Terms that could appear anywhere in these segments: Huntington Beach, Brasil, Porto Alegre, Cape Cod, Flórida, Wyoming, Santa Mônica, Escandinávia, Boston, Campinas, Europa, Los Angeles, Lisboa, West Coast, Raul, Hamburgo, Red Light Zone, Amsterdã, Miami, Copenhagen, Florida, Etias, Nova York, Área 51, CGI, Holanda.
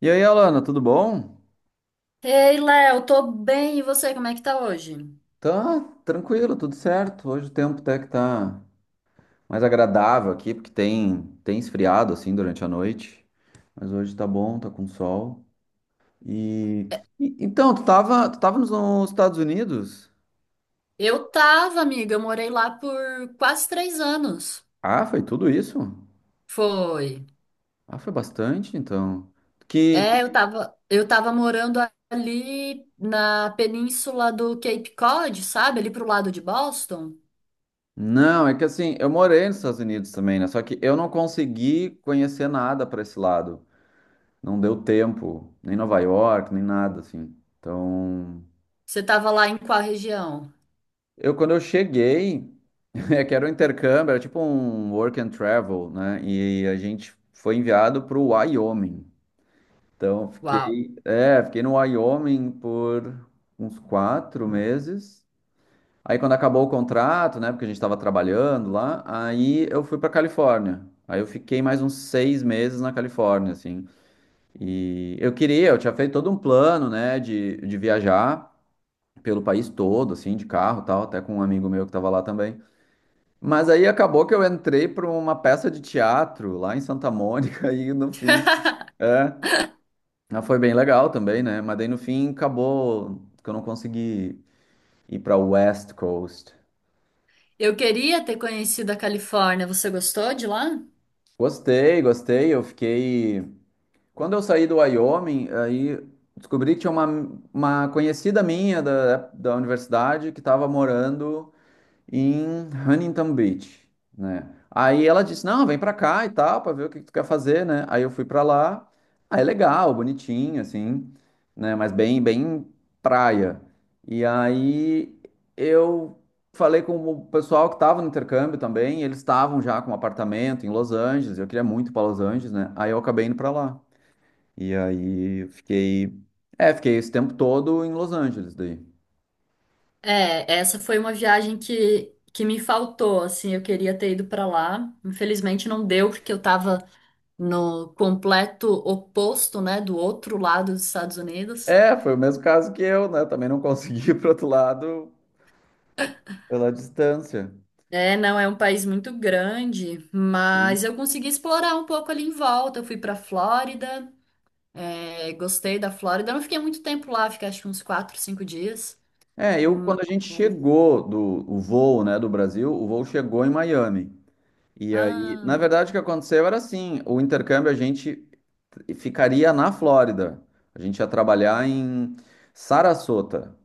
E aí, Alana, tudo bom? Ei, Léo, tô bem, e você, como é que tá hoje? Tá tranquilo, tudo certo. Hoje o tempo até que tá mais agradável aqui, porque tem esfriado assim durante a noite. Mas hoje tá bom, tá com sol. E, então, tu tava nos Estados Unidos? Eu tava, amiga, eu morei lá por quase 3 anos. Ah, foi tudo isso? Foi. Ah, foi bastante, então. Que que- É, eu tava morando ali na península do Cape Cod, sabe? Ali pro lado de Boston. não, é que assim, eu morei nos Estados Unidos também, né? Só que eu não consegui conhecer nada para esse lado. Não deu tempo, nem Nova York, nem nada assim. Então, Você tava lá em qual região? eu, quando eu cheguei, é que era um intercâmbio, era tipo um work and travel, né? E a gente foi enviado para o Wyoming. Então, Uau. Fiquei no Wyoming por uns 4 meses. Aí, quando acabou o contrato, né? Porque a gente estava trabalhando lá, aí eu fui para Califórnia. Aí eu fiquei mais uns 6 meses na Califórnia, assim. E eu queria, eu tinha feito todo um plano, né? De viajar pelo país todo, assim, de carro e tal, até com um amigo meu que estava lá também. Mas aí acabou que eu entrei para uma peça de teatro lá em Santa Mônica e no é, mas foi bem legal também, né? Mas daí no fim acabou que eu não consegui ir para West Coast. Eu queria ter conhecido a Califórnia. Você gostou de lá? Gostei, gostei. Eu fiquei. Quando eu saí do Wyoming, aí descobri que tinha uma conhecida minha da universidade que estava morando em Huntington Beach, né? Aí ela disse: "Não, vem pra cá e tal, pra ver o que que tu quer fazer, né?" Aí eu fui pra lá. Aí é legal, bonitinho assim, né, mas bem praia. E aí eu falei com o pessoal que tava no intercâmbio também, e eles estavam já com um apartamento em Los Angeles, eu queria muito ir para Los Angeles, né? Aí eu acabei indo pra lá. E aí fiquei esse tempo todo em Los Angeles daí. É, essa foi uma viagem que me faltou, assim, eu queria ter ido pra lá. Infelizmente não deu, porque eu tava no completo oposto, né, do outro lado dos Estados Unidos. É, foi o mesmo caso que eu, né? Também não consegui ir pro outro lado pela distância. É, não é um país muito grande, Sim. mas eu consegui explorar um pouco ali em volta. Eu fui para Flórida, é, gostei da Flórida. Eu não fiquei muito tempo lá, fiquei acho que uns quatro, cinco dias. É, eu quando a gente Mas... chegou do o voo, né, do Brasil, o voo chegou em Miami. E aí, Ah, na verdade, o que aconteceu era assim, o intercâmbio a gente ficaria na Flórida. A gente ia trabalhar em Sarasota,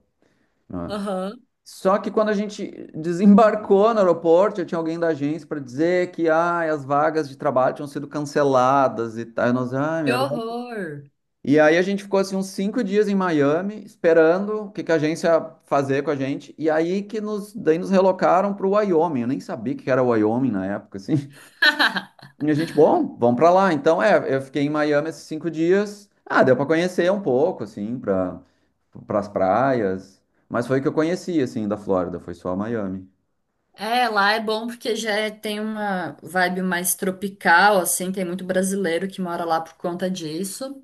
né? aham. Só que quando a gente desembarcou no aeroporto, já tinha alguém da agência para dizer que ah, as vagas de trabalho tinham sido canceladas e tal. E nós, ah, Que horror! e aí a gente ficou assim uns 5 dias em Miami, esperando o que que a agência ia fazer com a gente. E aí daí nos relocaram para o Wyoming. Eu nem sabia que era Wyoming na época, assim. E a gente, bom, vamos para lá. Então, é, eu fiquei em Miami esses 5 dias. Ah, deu para conhecer um pouco, assim, para as praias. Mas foi o que eu conheci, assim, da Flórida. Foi só Miami. É, lá é bom porque tem uma vibe mais tropical, assim, tem muito brasileiro que mora lá por conta disso.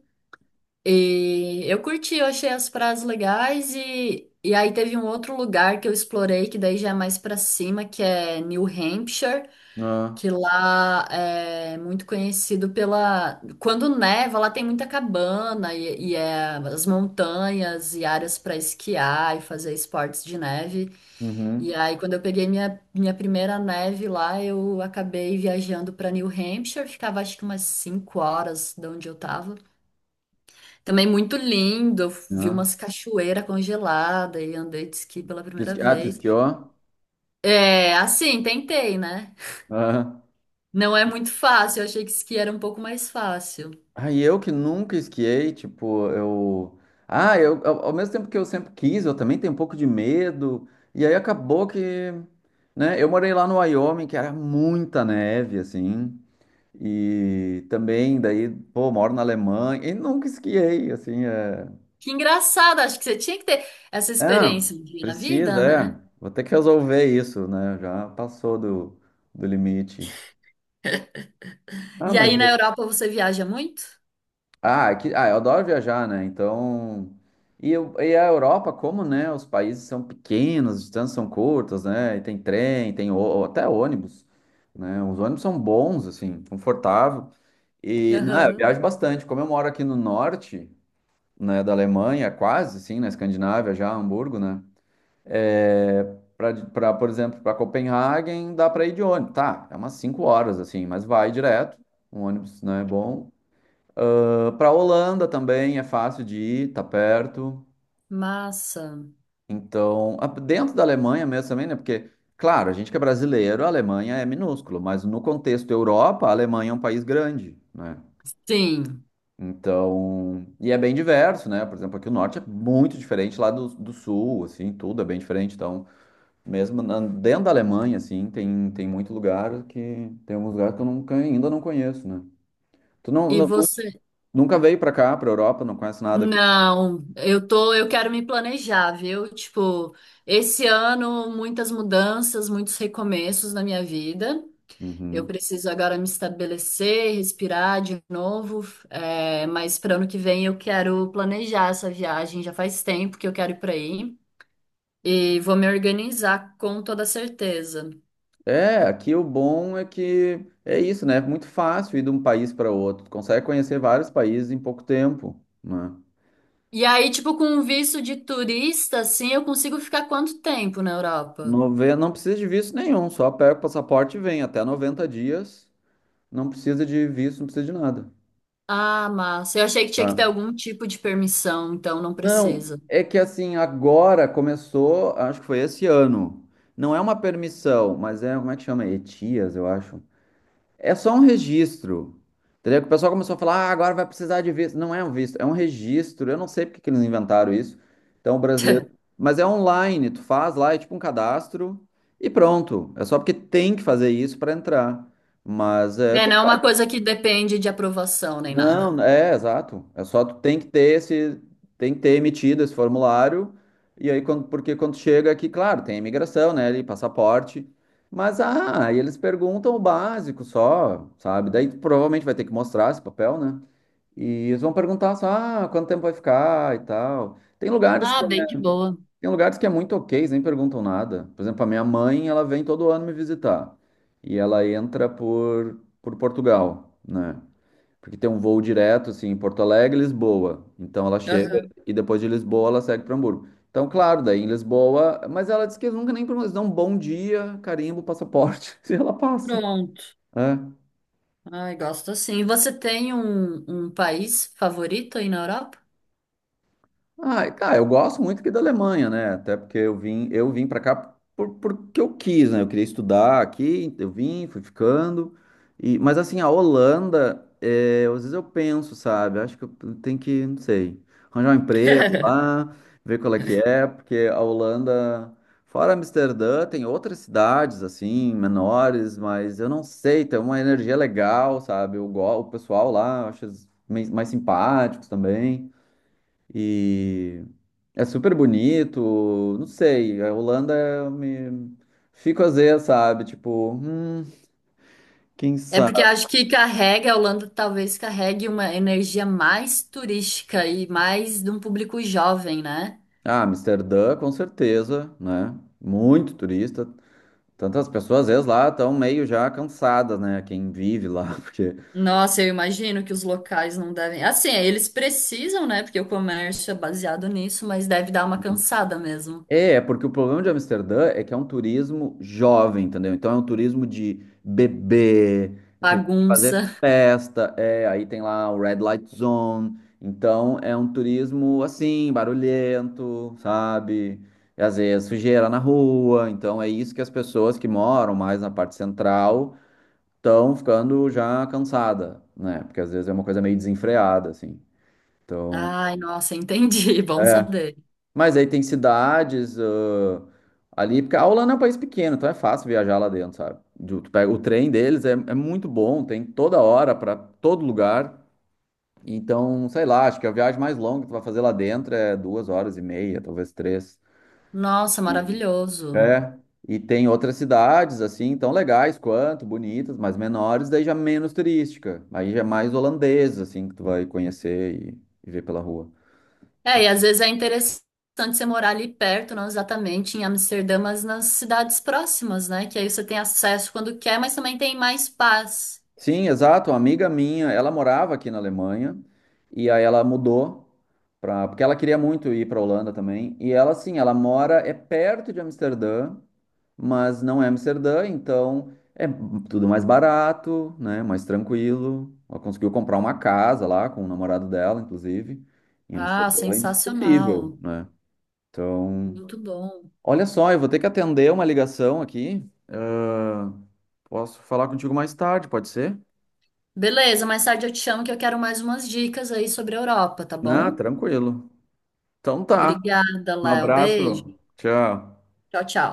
E eu curti, eu achei as praias legais e aí teve um outro lugar que eu explorei, que daí já é mais pra cima, que é New Hampshire, Ah, que lá é muito conhecido pela... Quando neva, lá tem muita cabana e, é as montanhas e áreas pra esquiar e fazer esportes de neve. E uhum. aí, quando eu peguei minha primeira neve lá, eu acabei viajando pra New Hampshire, ficava acho que umas 5 horas de onde eu tava. Também muito lindo, eu vi Ah, umas cachoeiras congeladas e andei de esqui pela tu primeira esqui- ah, tu vez. esquiou? É, assim, tentei, né? Ah. Não é muito fácil, eu achei que esqui era um pouco mais fácil. Aí eu que nunca esquiei, tipo, eu. Ah, eu, ao mesmo tempo que eu sempre quis, eu também tenho um pouco de medo. E aí acabou que, né? Eu morei lá no Wyoming, que era muita neve, assim. E também, daí, pô, moro na Alemanha e nunca esquiei, assim. É, Que engraçado, acho que você tinha que ter essa é experiência um dia na precisa, vida, né? é. Vou ter que resolver isso, né? Já passou do limite. Ah, E mas aí na Europa você viaja muito? ah, aqui, ah, eu adoro viajar, né? Então. E a Europa, como, né? Os países são pequenos, as distâncias são curtas, né? E tem trem, até ônibus, né? Os ônibus são bons, assim, confortável. E, não, eu Aham. viajo bastante. Como eu moro aqui no norte, né, da Alemanha, quase, sim, na Escandinávia, já, Hamburgo, né? É, para pra, por exemplo, para Copenhagen, dá para ir de ônibus. Tá, é umas 5 horas, assim, mas vai direto. Um ônibus, né, bom para a Holanda também é fácil de ir, tá perto. Massa. Dentro da Alemanha mesmo também, né? Porque, claro, a gente que é brasileiro, a Alemanha é minúsculo, mas no contexto Europa, a Alemanha é um país grande, né? Sim. Então, e é bem diverso, né? Por exemplo, aqui o norte é muito diferente lá do sul, assim, tudo é bem diferente. Dentro da Alemanha, assim, tem muito lugar que tem alguns lugares que eu nunca, ainda não conheço, né? Tu não, E não- você? Nunca veio para cá, para Europa, não conhece nada aqui? Não, eu tô, eu quero me planejar, viu? Tipo, esse ano muitas mudanças, muitos recomeços na minha vida. Eu Uhum. preciso agora me estabelecer, respirar de novo, é, mas para ano que vem eu quero planejar essa viagem. Já faz tempo que eu quero ir para aí e vou me organizar com toda certeza. É, aqui o bom é que é isso, né? É muito fácil ir de um país para outro. Tu consegue conhecer vários países em pouco tempo, né? E aí, tipo, com um visto de turista, assim, eu consigo ficar quanto tempo na Europa? Não precisa de visto nenhum, só pega o passaporte e vem. Até 90 dias, não precisa de visto, não precisa de nada. Ah, massa. Eu achei que tinha que ter Ah. algum tipo de permissão, então não Não, precisa. é que assim, agora começou, acho que foi esse ano. Não é uma permissão, mas é, como é que chama? Etias, eu acho. É só um registro. Entendeu? Que o pessoal começou a falar, ah, agora vai precisar de visto. Não é um visto, é um registro. Eu não sei porque que eles inventaram isso. Então, o brasileiro. Mas é online, tu faz lá, é tipo um cadastro e pronto. É só porque tem que fazer isso para entrar. Mas é, É, tu não é uma coisa que depende de aprovação nem nada. não, é, exato. É só tu tem que ter esse, tem que ter emitido esse formulário, e aí quando, porque quando chega aqui, claro, tem imigração, né, ali, passaporte, mas ah, aí eles perguntam o básico só, sabe? Daí tu provavelmente vai ter que mostrar esse papel, né? E eles vão perguntar só, ah, quanto tempo vai ficar e tal. Tem lugares Ah, que bem é, de boa. tem lugares que é muito ok, eles nem perguntam nada. Por exemplo, a minha mãe, ela vem todo ano me visitar, e ela entra por Portugal, né? Porque tem um voo direto, assim, em Porto Alegre, Lisboa. Então ela chega Aham. e depois de Lisboa ela segue para Hamburgo. Então, claro, daí em Lisboa, mas ela disse que nunca nem perguntou, eles dão um bom dia, carimbo, passaporte, e ela passa. Pronto. É. Ai, gosto sim. E você tem um país favorito aí na Europa? Ah, cara, eu gosto muito aqui da Alemanha, né? Até porque eu vim para cá por, porque eu quis, né? Eu queria estudar aqui, eu vim, fui ficando. E, mas assim, a Holanda, é, às vezes eu penso, sabe? Acho que eu tenho que, não sei, arranjar um emprego lá, ver qual é que é, porque a Holanda, fora Amsterdã, tem outras cidades assim, menores, mas eu não sei, tem uma energia legal, sabe? O pessoal lá, eu acho eles mais simpáticos também. E é super bonito, não sei, a Holanda eu me fico às vezes, sabe? Tipo, quem É porque sabe? acho que carrega, a Holanda talvez carregue uma energia mais turística e mais de um público jovem, né? Ah, Amsterdã, com certeza, né? Muito turista. Tantas pessoas, às vezes, lá estão meio já cansadas, né? Quem vive lá, porque. Nossa, eu imagino que os locais não devem. Assim, eles precisam, né? Porque o comércio é baseado nisso, mas deve dar uma cansada mesmo. É, é porque o problema de Amsterdã é que é um turismo jovem, entendeu? Então é um turismo de bebê, fazer Bagunça. festa, é, aí tem lá o Red Light Zone. Então é um turismo assim, barulhento, sabe? E às vezes sujeira na rua. Então é isso que as pessoas que moram mais na parte central estão ficando já cansada, né? Porque às vezes é uma coisa meio desenfreada, assim. Então, Ai, nossa, entendi. Bom é. saber. Mas aí tem cidades, ali, porque a Holanda é um país pequeno, então é fácil viajar lá dentro, sabe? Tu pega o trem deles, é, é muito bom, tem toda hora para todo lugar. Então, sei lá, acho que a viagem mais longa que tu vai fazer lá dentro é 2 horas e meia, talvez três. Nossa, E- maravilhoso. É. E tem outras cidades, assim, tão legais quanto, bonitas, mas menores, daí já menos turística. Aí já é mais holandês, assim, que tu vai conhecer e ver pela rua. É, e às vezes é interessante você morar ali perto, não exatamente em Amsterdã, mas nas cidades próximas, né? Que aí você tem acesso quando quer, mas também tem mais paz. Sim, exato. Uma amiga minha, ela morava aqui na Alemanha e aí ela mudou para, porque ela queria muito ir para Holanda também. E ela, sim, ela mora é perto de Amsterdã, mas não é Amsterdã, então é tudo mais barato, né? Mais tranquilo. Ela conseguiu comprar uma casa lá com o namorado dela, inclusive, em Ah, Amsterdã, é impossível, sensacional. né? Então, Muito bom. olha só, eu vou ter que atender uma ligação aqui. Ah, posso falar contigo mais tarde, pode ser? Beleza, mais tarde eu te chamo que eu quero mais umas dicas aí sobre a Europa, tá Ah, bom? tranquilo. Então tá. Obrigada, Um Léo. abraço. Beijo. Tchau. Tchau, tchau.